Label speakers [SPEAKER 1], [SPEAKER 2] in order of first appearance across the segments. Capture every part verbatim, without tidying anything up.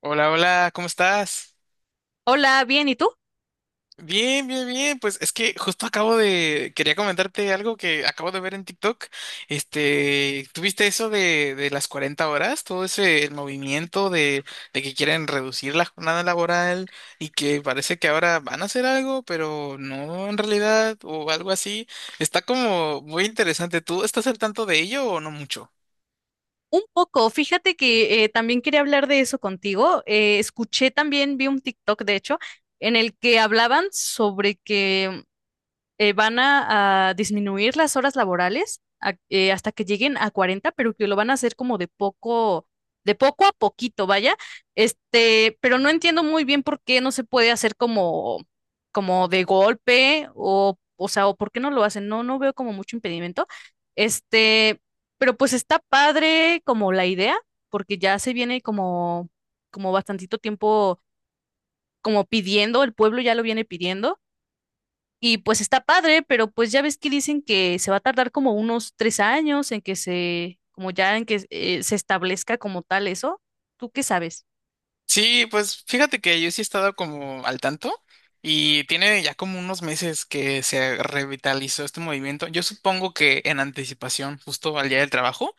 [SPEAKER 1] Hola, hola, ¿cómo estás?
[SPEAKER 2] Hola, bien, ¿y tú?
[SPEAKER 1] Bien, bien, bien. Pues es que justo acabo de, quería comentarte algo que acabo de ver en TikTok. Este, ¿tuviste eso de, de las cuarenta horas? Todo ese, el movimiento de, de que quieren reducir la jornada laboral y que parece que ahora van a hacer algo, pero no en realidad o algo así. Está como muy interesante. ¿Tú estás al tanto de ello o no mucho?
[SPEAKER 2] Un poco, fíjate que eh, también quería hablar de eso contigo. Eh, escuché también, vi un TikTok, de hecho, en el que hablaban sobre que eh, van a, a disminuir las horas laborales a- eh, hasta que lleguen a cuarenta, pero que lo van a hacer como de poco, de poco a poquito, vaya. Este, pero no entiendo muy bien por qué no se puede hacer como, como de golpe o, o sea, o por qué no lo hacen. No, no veo como mucho impedimento. Este, pero pues está padre como la idea, porque ya se viene como, como bastantito tiempo como pidiendo, el pueblo ya lo viene pidiendo. Y pues está padre, pero pues ya ves que dicen que se va a tardar como unos tres años en que se, como ya en que eh, se establezca como tal eso. ¿Tú qué sabes?
[SPEAKER 1] Sí, pues fíjate que yo sí he estado como al tanto y tiene ya como unos meses que se revitalizó este movimiento. Yo supongo que en anticipación, justo al día del trabajo,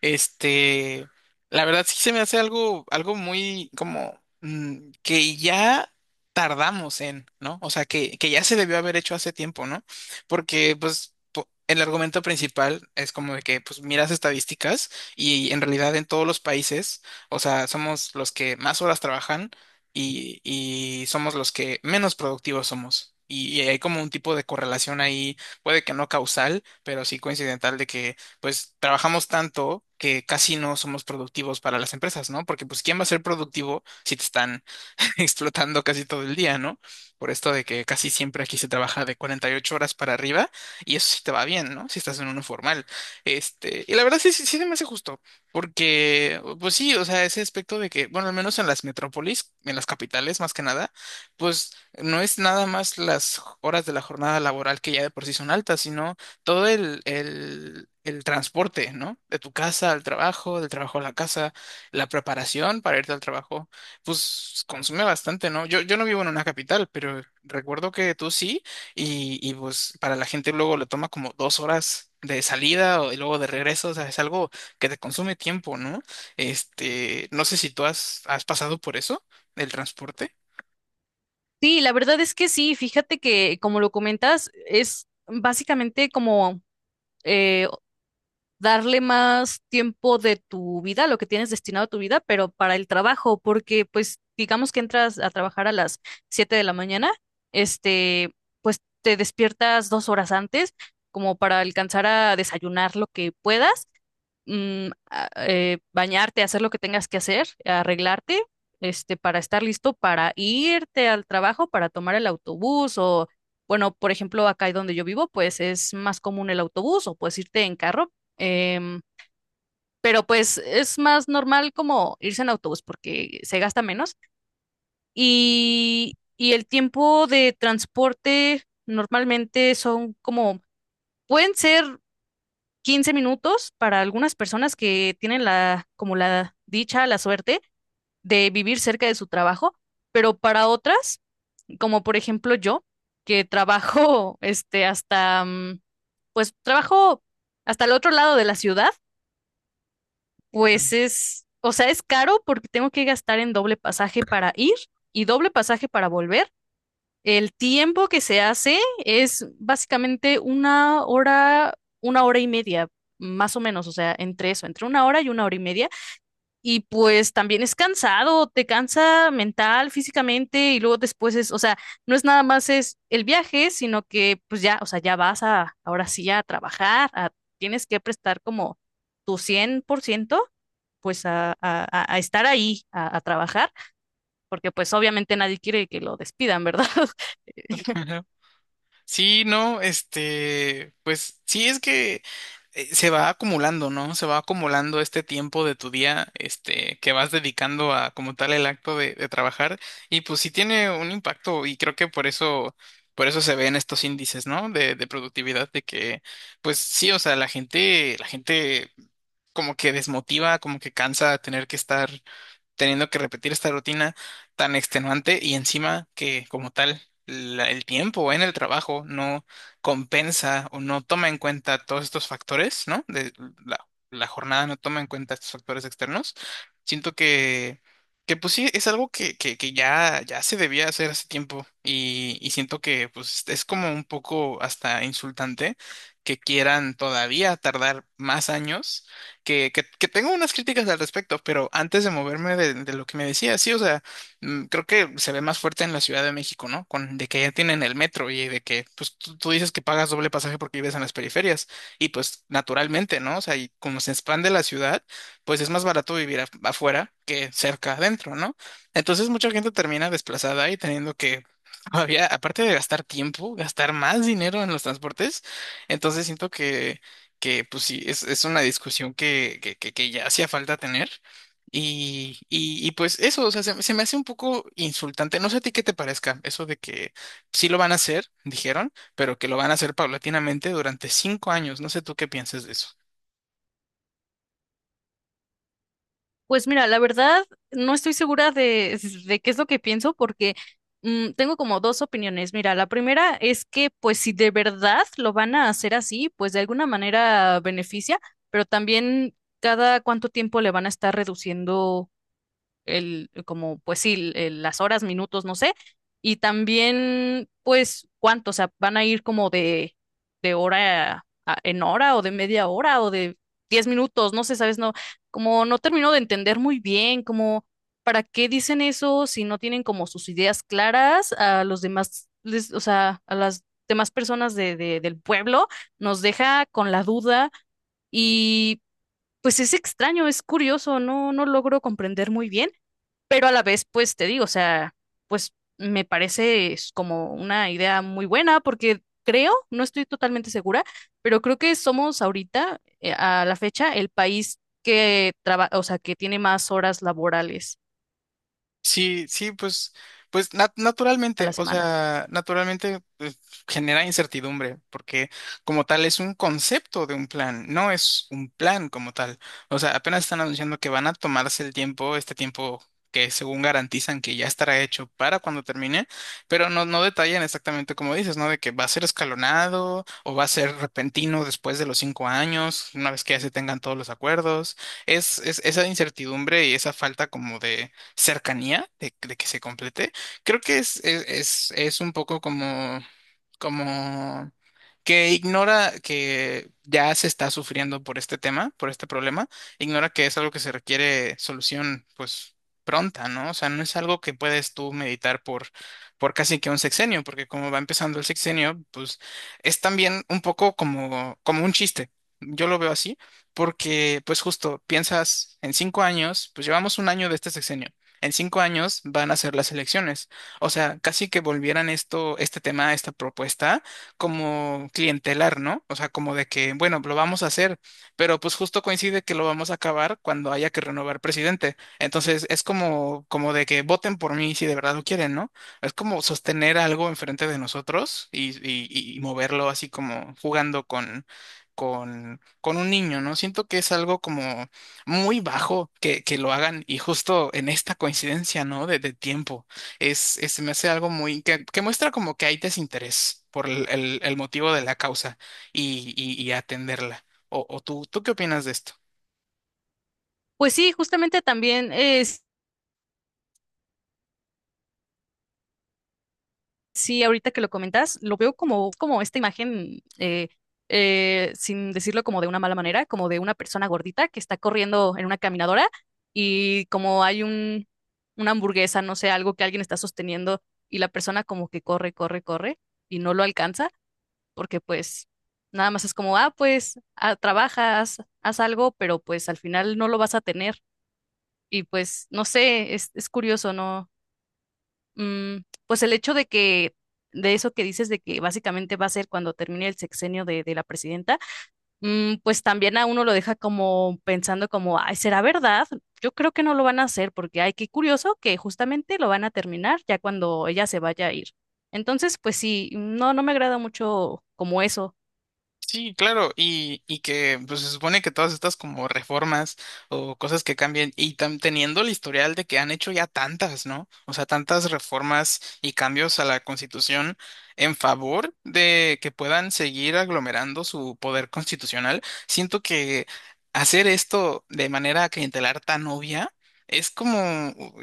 [SPEAKER 1] este, la verdad sí se me hace algo, algo muy como mm, que ya tardamos en, ¿no? O sea, que, que ya se debió haber hecho hace tiempo, ¿no? Porque pues... po- el argumento principal es como de que, pues, miras estadísticas y en realidad en todos los países, o sea, somos los que más horas trabajan y, y somos los que menos productivos somos. Y, y hay como un tipo de correlación ahí, puede que no causal, pero sí coincidental de que pues trabajamos tanto que casi no somos productivos para las empresas, ¿no? Porque pues ¿quién va a ser productivo si te están explotando casi todo el día, ¿no? Por esto de que casi siempre aquí se trabaja de cuarenta y ocho horas para arriba y eso sí te va bien, ¿no? Si estás en uno formal. Este, y la verdad sí, sí, sí se me hace justo, porque, pues sí, o sea, ese aspecto de que, bueno, al menos en las metrópolis, en las capitales más que nada, pues no es nada más las horas de la jornada laboral que ya de por sí son altas, sino todo el, el, el transporte, ¿no? De tu casa al trabajo, del trabajo a la casa, la preparación para irte al trabajo pues consume bastante, ¿no? Yo, yo no vivo en una capital, pero recuerdo que tú sí, y, y pues para la gente luego le toma como dos horas de salida o, y luego de regreso, o sea, es algo que te consume tiempo, ¿no? Este, no sé si tú has, has pasado por eso, el transporte.
[SPEAKER 2] Sí, la verdad es que sí, fíjate que como lo comentas, es básicamente como eh, darle más tiempo de tu vida, lo que tienes destinado a tu vida, pero para el trabajo, porque pues digamos que entras a trabajar a las siete de la mañana. este, pues te despiertas dos horas antes como para alcanzar a desayunar lo que puedas, mm, a- eh, bañarte, hacer lo que tengas que hacer, arreglarte, este, para estar listo para irte al trabajo, para tomar el autobús o, bueno, por ejemplo, acá y donde yo vivo, pues es más común el autobús o puedes irte en carro. em, pero pues es más normal como irse en autobús porque se gasta menos, y, y el tiempo de transporte normalmente son como, pueden ser quince minutos para algunas personas que tienen la, como la dicha, la suerte de vivir cerca de su trabajo, pero para otras, como por ejemplo yo, que trabajo este hasta, mm, pues trabajo hasta el otro lado de la ciudad. Pues es, o sea, es caro porque tengo que gastar en doble pasaje para ir y doble pasaje para volver. El tiempo que se hace es básicamente una hora, una hora y media, más o menos, o sea, entre eso, entre una hora y una hora y media. Y pues también es cansado, te cansa mental, físicamente, y luego después es, o sea, no es nada más es el viaje, sino que pues ya, o sea, ya vas a, ahora sí a trabajar, a- tienes que prestar como tu cien por ciento, pues a, a, a a estar ahí, a a trabajar, porque pues obviamente nadie quiere que lo despidan, ¿verdad?
[SPEAKER 1] Sí, no, este, pues sí es que eh, se va acumulando, ¿no? Se va acumulando este tiempo de tu día, este, que vas dedicando a como tal el acto de, de trabajar y pues sí tiene un impacto y creo que por eso, por eso se ven estos índices, ¿no? De, de productividad, de que, pues sí, o sea, la gente, la gente como que desmotiva, como que cansa tener que estar teniendo que repetir esta rutina tan extenuante y encima que como tal la- el tiempo en el trabajo no compensa o no toma en cuenta todos estos factores, ¿no? De la, la jornada no toma en cuenta estos factores externos. Siento que, que pues sí, es algo que, que, que ya, ya se debía hacer hace tiempo y, y siento que pues es como un poco hasta insultante que quieran todavía tardar más años que, que, que tengo unas críticas al respecto, pero antes de moverme de, de lo que me decía, sí, o sea, mm, creo que se ve más fuerte en la Ciudad de México, ¿no? Con, de que ya tienen el metro y de que, pues, tú, tú dices que pagas doble pasaje porque vives en las periferias y pues naturalmente, ¿no? O sea, y como se expande la ciudad, pues es más barato vivir af- afuera que cerca adentro, ¿no? Entonces mucha gente termina desplazada y teniendo que... Todavía, aparte de gastar tiempo, gastar más dinero en los transportes, entonces siento que que pues sí, es, es una discusión que, que, que, que ya hacía falta tener. Y, y, y pues eso, o sea, se, se me hace un poco insultante. No sé a ti qué te parezca eso de que sí lo van a hacer, dijeron, pero que lo van a hacer paulatinamente durante cinco años. No sé tú qué piensas de eso.
[SPEAKER 2] Pues mira, la verdad, no estoy segura de, de qué es lo que pienso porque mm, tengo como dos opiniones. Mira, la primera es que pues si de verdad lo van a hacer así, pues de alguna manera beneficia, pero también cada cuánto tiempo le van a estar reduciendo el, como, pues sí, el- las horas, minutos, no sé. Y también, pues, cuánto, o sea, van a ir como de, de hora a- en hora o de media hora o de diez minutos, no sé, sabes, no, como no termino de entender muy bien, como, ¿para qué dicen eso si no tienen como sus ideas claras a los demás, les- o sea, a las demás personas de, de- del pueblo? Nos deja con la duda y pues es extraño, es curioso, no, no logro comprender muy bien, pero a la vez, pues te digo, o sea, pues me parece es como una idea muy buena porque creo, no estoy totalmente segura, pero creo que somos ahorita, eh, a la fecha, el país que trabaja, o sea, que tiene más horas laborales
[SPEAKER 1] Sí, sí, pues, pues nat-
[SPEAKER 2] a
[SPEAKER 1] naturalmente,
[SPEAKER 2] la
[SPEAKER 1] o
[SPEAKER 2] semana.
[SPEAKER 1] sea, naturalmente pues, genera incertidumbre, porque como tal es un concepto de un plan, no es un plan como tal. O sea, apenas están anunciando que van a tomarse el tiempo, este tiempo que según garantizan que ya estará hecho para cuando termine, pero no, no detallan exactamente como dices, ¿no? De que va a ser escalonado o va a ser repentino después de los cinco años, una vez que ya se tengan todos los acuerdos. Es, es esa incertidumbre y esa falta como de cercanía de, de que se complete. Creo que es, es, es, es un poco como como que ignora que ya se está sufriendo por este tema, por este problema, ignora que es algo que se requiere solución, pues pronta, ¿no? O sea, no es algo que puedes tú meditar por, por casi que un sexenio, porque como va empezando el sexenio, pues es también un poco como, como un chiste. Yo lo veo así, porque pues justo piensas en cinco años, pues llevamos un año de este sexenio. En cinco años van a ser las elecciones. O sea, casi que volvieran esto, este tema, esta propuesta, como clientelar, ¿no? O sea, como de que, bueno, lo vamos a hacer, pero pues justo coincide que lo vamos a acabar cuando haya que renovar presidente. Entonces, es como, como de que voten por mí si de verdad lo quieren, ¿no? Es como sostener algo enfrente de nosotros y, y, y moverlo así como jugando con, con, con un niño, ¿no? Siento que es algo como muy bajo que, que lo hagan y justo en esta coincidencia, ¿no? De, de tiempo es, es- se me hace algo muy, que, que muestra como que hay desinterés por el, el- el motivo de la causa y, y- y atenderla. O, o tú, ¿tú qué opinas de esto?
[SPEAKER 2] Pues sí, justamente también. eh, Sí, ahorita que lo comentas, lo veo como, como esta imagen, eh, eh, sin decirlo como de una mala manera, como de una persona gordita que está corriendo en una caminadora y como hay un, una hamburguesa, no sé, algo que alguien está sosteniendo, y la persona como que corre, corre, corre y no lo alcanza porque pues nada más es como, ah, pues ah, trabajas, haz algo, pero pues al final no lo vas a tener. Y pues no sé, es, es curioso, ¿no? Mm, pues el hecho de que, de eso que dices, de que básicamente va a ser cuando termine el sexenio de, de la presidenta, mm, pues también a uno lo deja como pensando como, ay, ¿será verdad? Yo creo que no lo van a hacer porque, ay, qué curioso que justamente lo van a terminar ya cuando ella se vaya a ir. Entonces, pues sí, no, no me agrada mucho como eso.
[SPEAKER 1] Sí, claro, y, y que pues, se supone que todas estas como reformas o cosas que cambian, y tam- teniendo el historial de que han hecho ya tantas, ¿no? O sea, tantas reformas y cambios a la Constitución en favor de que puedan seguir aglomerando su poder constitucional, siento que hacer esto de manera clientelar tan obvia es como,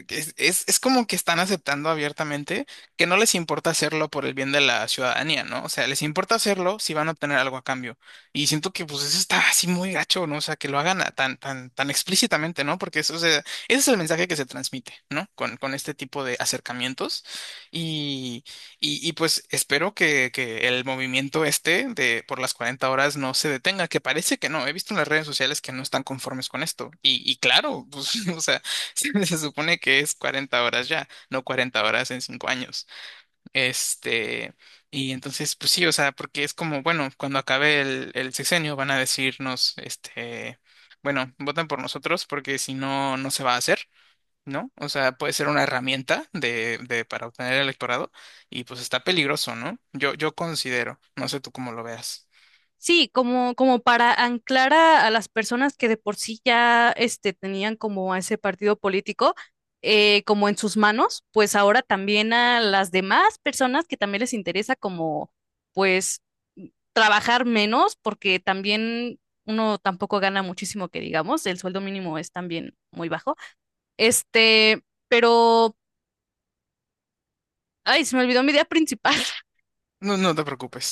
[SPEAKER 1] es, es, es como que están aceptando abiertamente que no les importa hacerlo por el bien de la ciudadanía, ¿no? O sea, les importa hacerlo si van a obtener algo a cambio. Y siento que pues eso está así muy gacho, ¿no? O sea, que lo hagan a- tan, tan, tan explícitamente, ¿no? Porque eso, o sea, ese es el mensaje que se transmite, ¿no? Con, con este tipo de acercamientos. Y, y, y, pues espero que, que el movimiento este de por las cuarenta horas no se detenga, que parece que no. He visto en las redes sociales que no están conformes con esto. Y, y claro, pues, o sea, se, se supone que es cuarenta horas ya, no cuarenta horas en cinco años. Este, y entonces, pues sí, o sea, porque es como, bueno, cuando acabe el, el sexenio van a decirnos, este, bueno, votan por nosotros porque si no, no se va a hacer, ¿no? O sea, puede ser una herramienta de, de, para obtener el electorado y pues está peligroso, ¿no? Yo, yo considero, no sé tú cómo lo veas.
[SPEAKER 2] Sí, como, como para anclar a, a las personas que de por sí ya este, tenían como a ese partido político, eh, como en sus manos, pues ahora también a las demás personas que también les interesa como pues trabajar menos, porque también uno tampoco gana muchísimo que digamos, el sueldo mínimo es también muy bajo. Este, pero, ay, se me olvidó mi idea principal.
[SPEAKER 1] No, no te preocupes.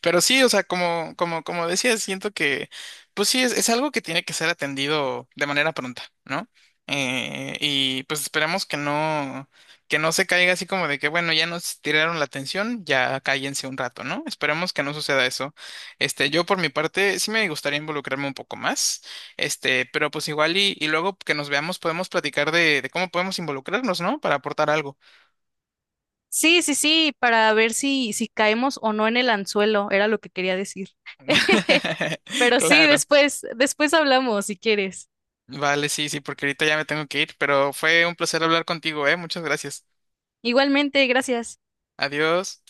[SPEAKER 1] Pero sí, o sea, como, como, como decía, siento que, pues sí, es, es algo que tiene que ser atendido de manera pronta, ¿no? Eh, y pues esperemos que no, que no se caiga así como de que, bueno, ya nos tiraron la atención, ya cállense un rato, ¿no? Esperemos que no suceda eso. Este, yo por mi parte, sí me gustaría involucrarme un poco más, este, pero pues igual y, y luego que nos veamos podemos platicar de, de cómo podemos involucrarnos, ¿no? Para aportar algo.
[SPEAKER 2] Sí, sí, sí, para ver si, si caemos o no en el anzuelo, era lo que quería decir. Pero sí,
[SPEAKER 1] Claro.
[SPEAKER 2] después, después hablamos si quieres.
[SPEAKER 1] Vale, sí, sí, porque ahorita ya me tengo que ir, pero fue un placer hablar contigo, ¿eh? Muchas gracias.
[SPEAKER 2] Igualmente, gracias.
[SPEAKER 1] Adiós.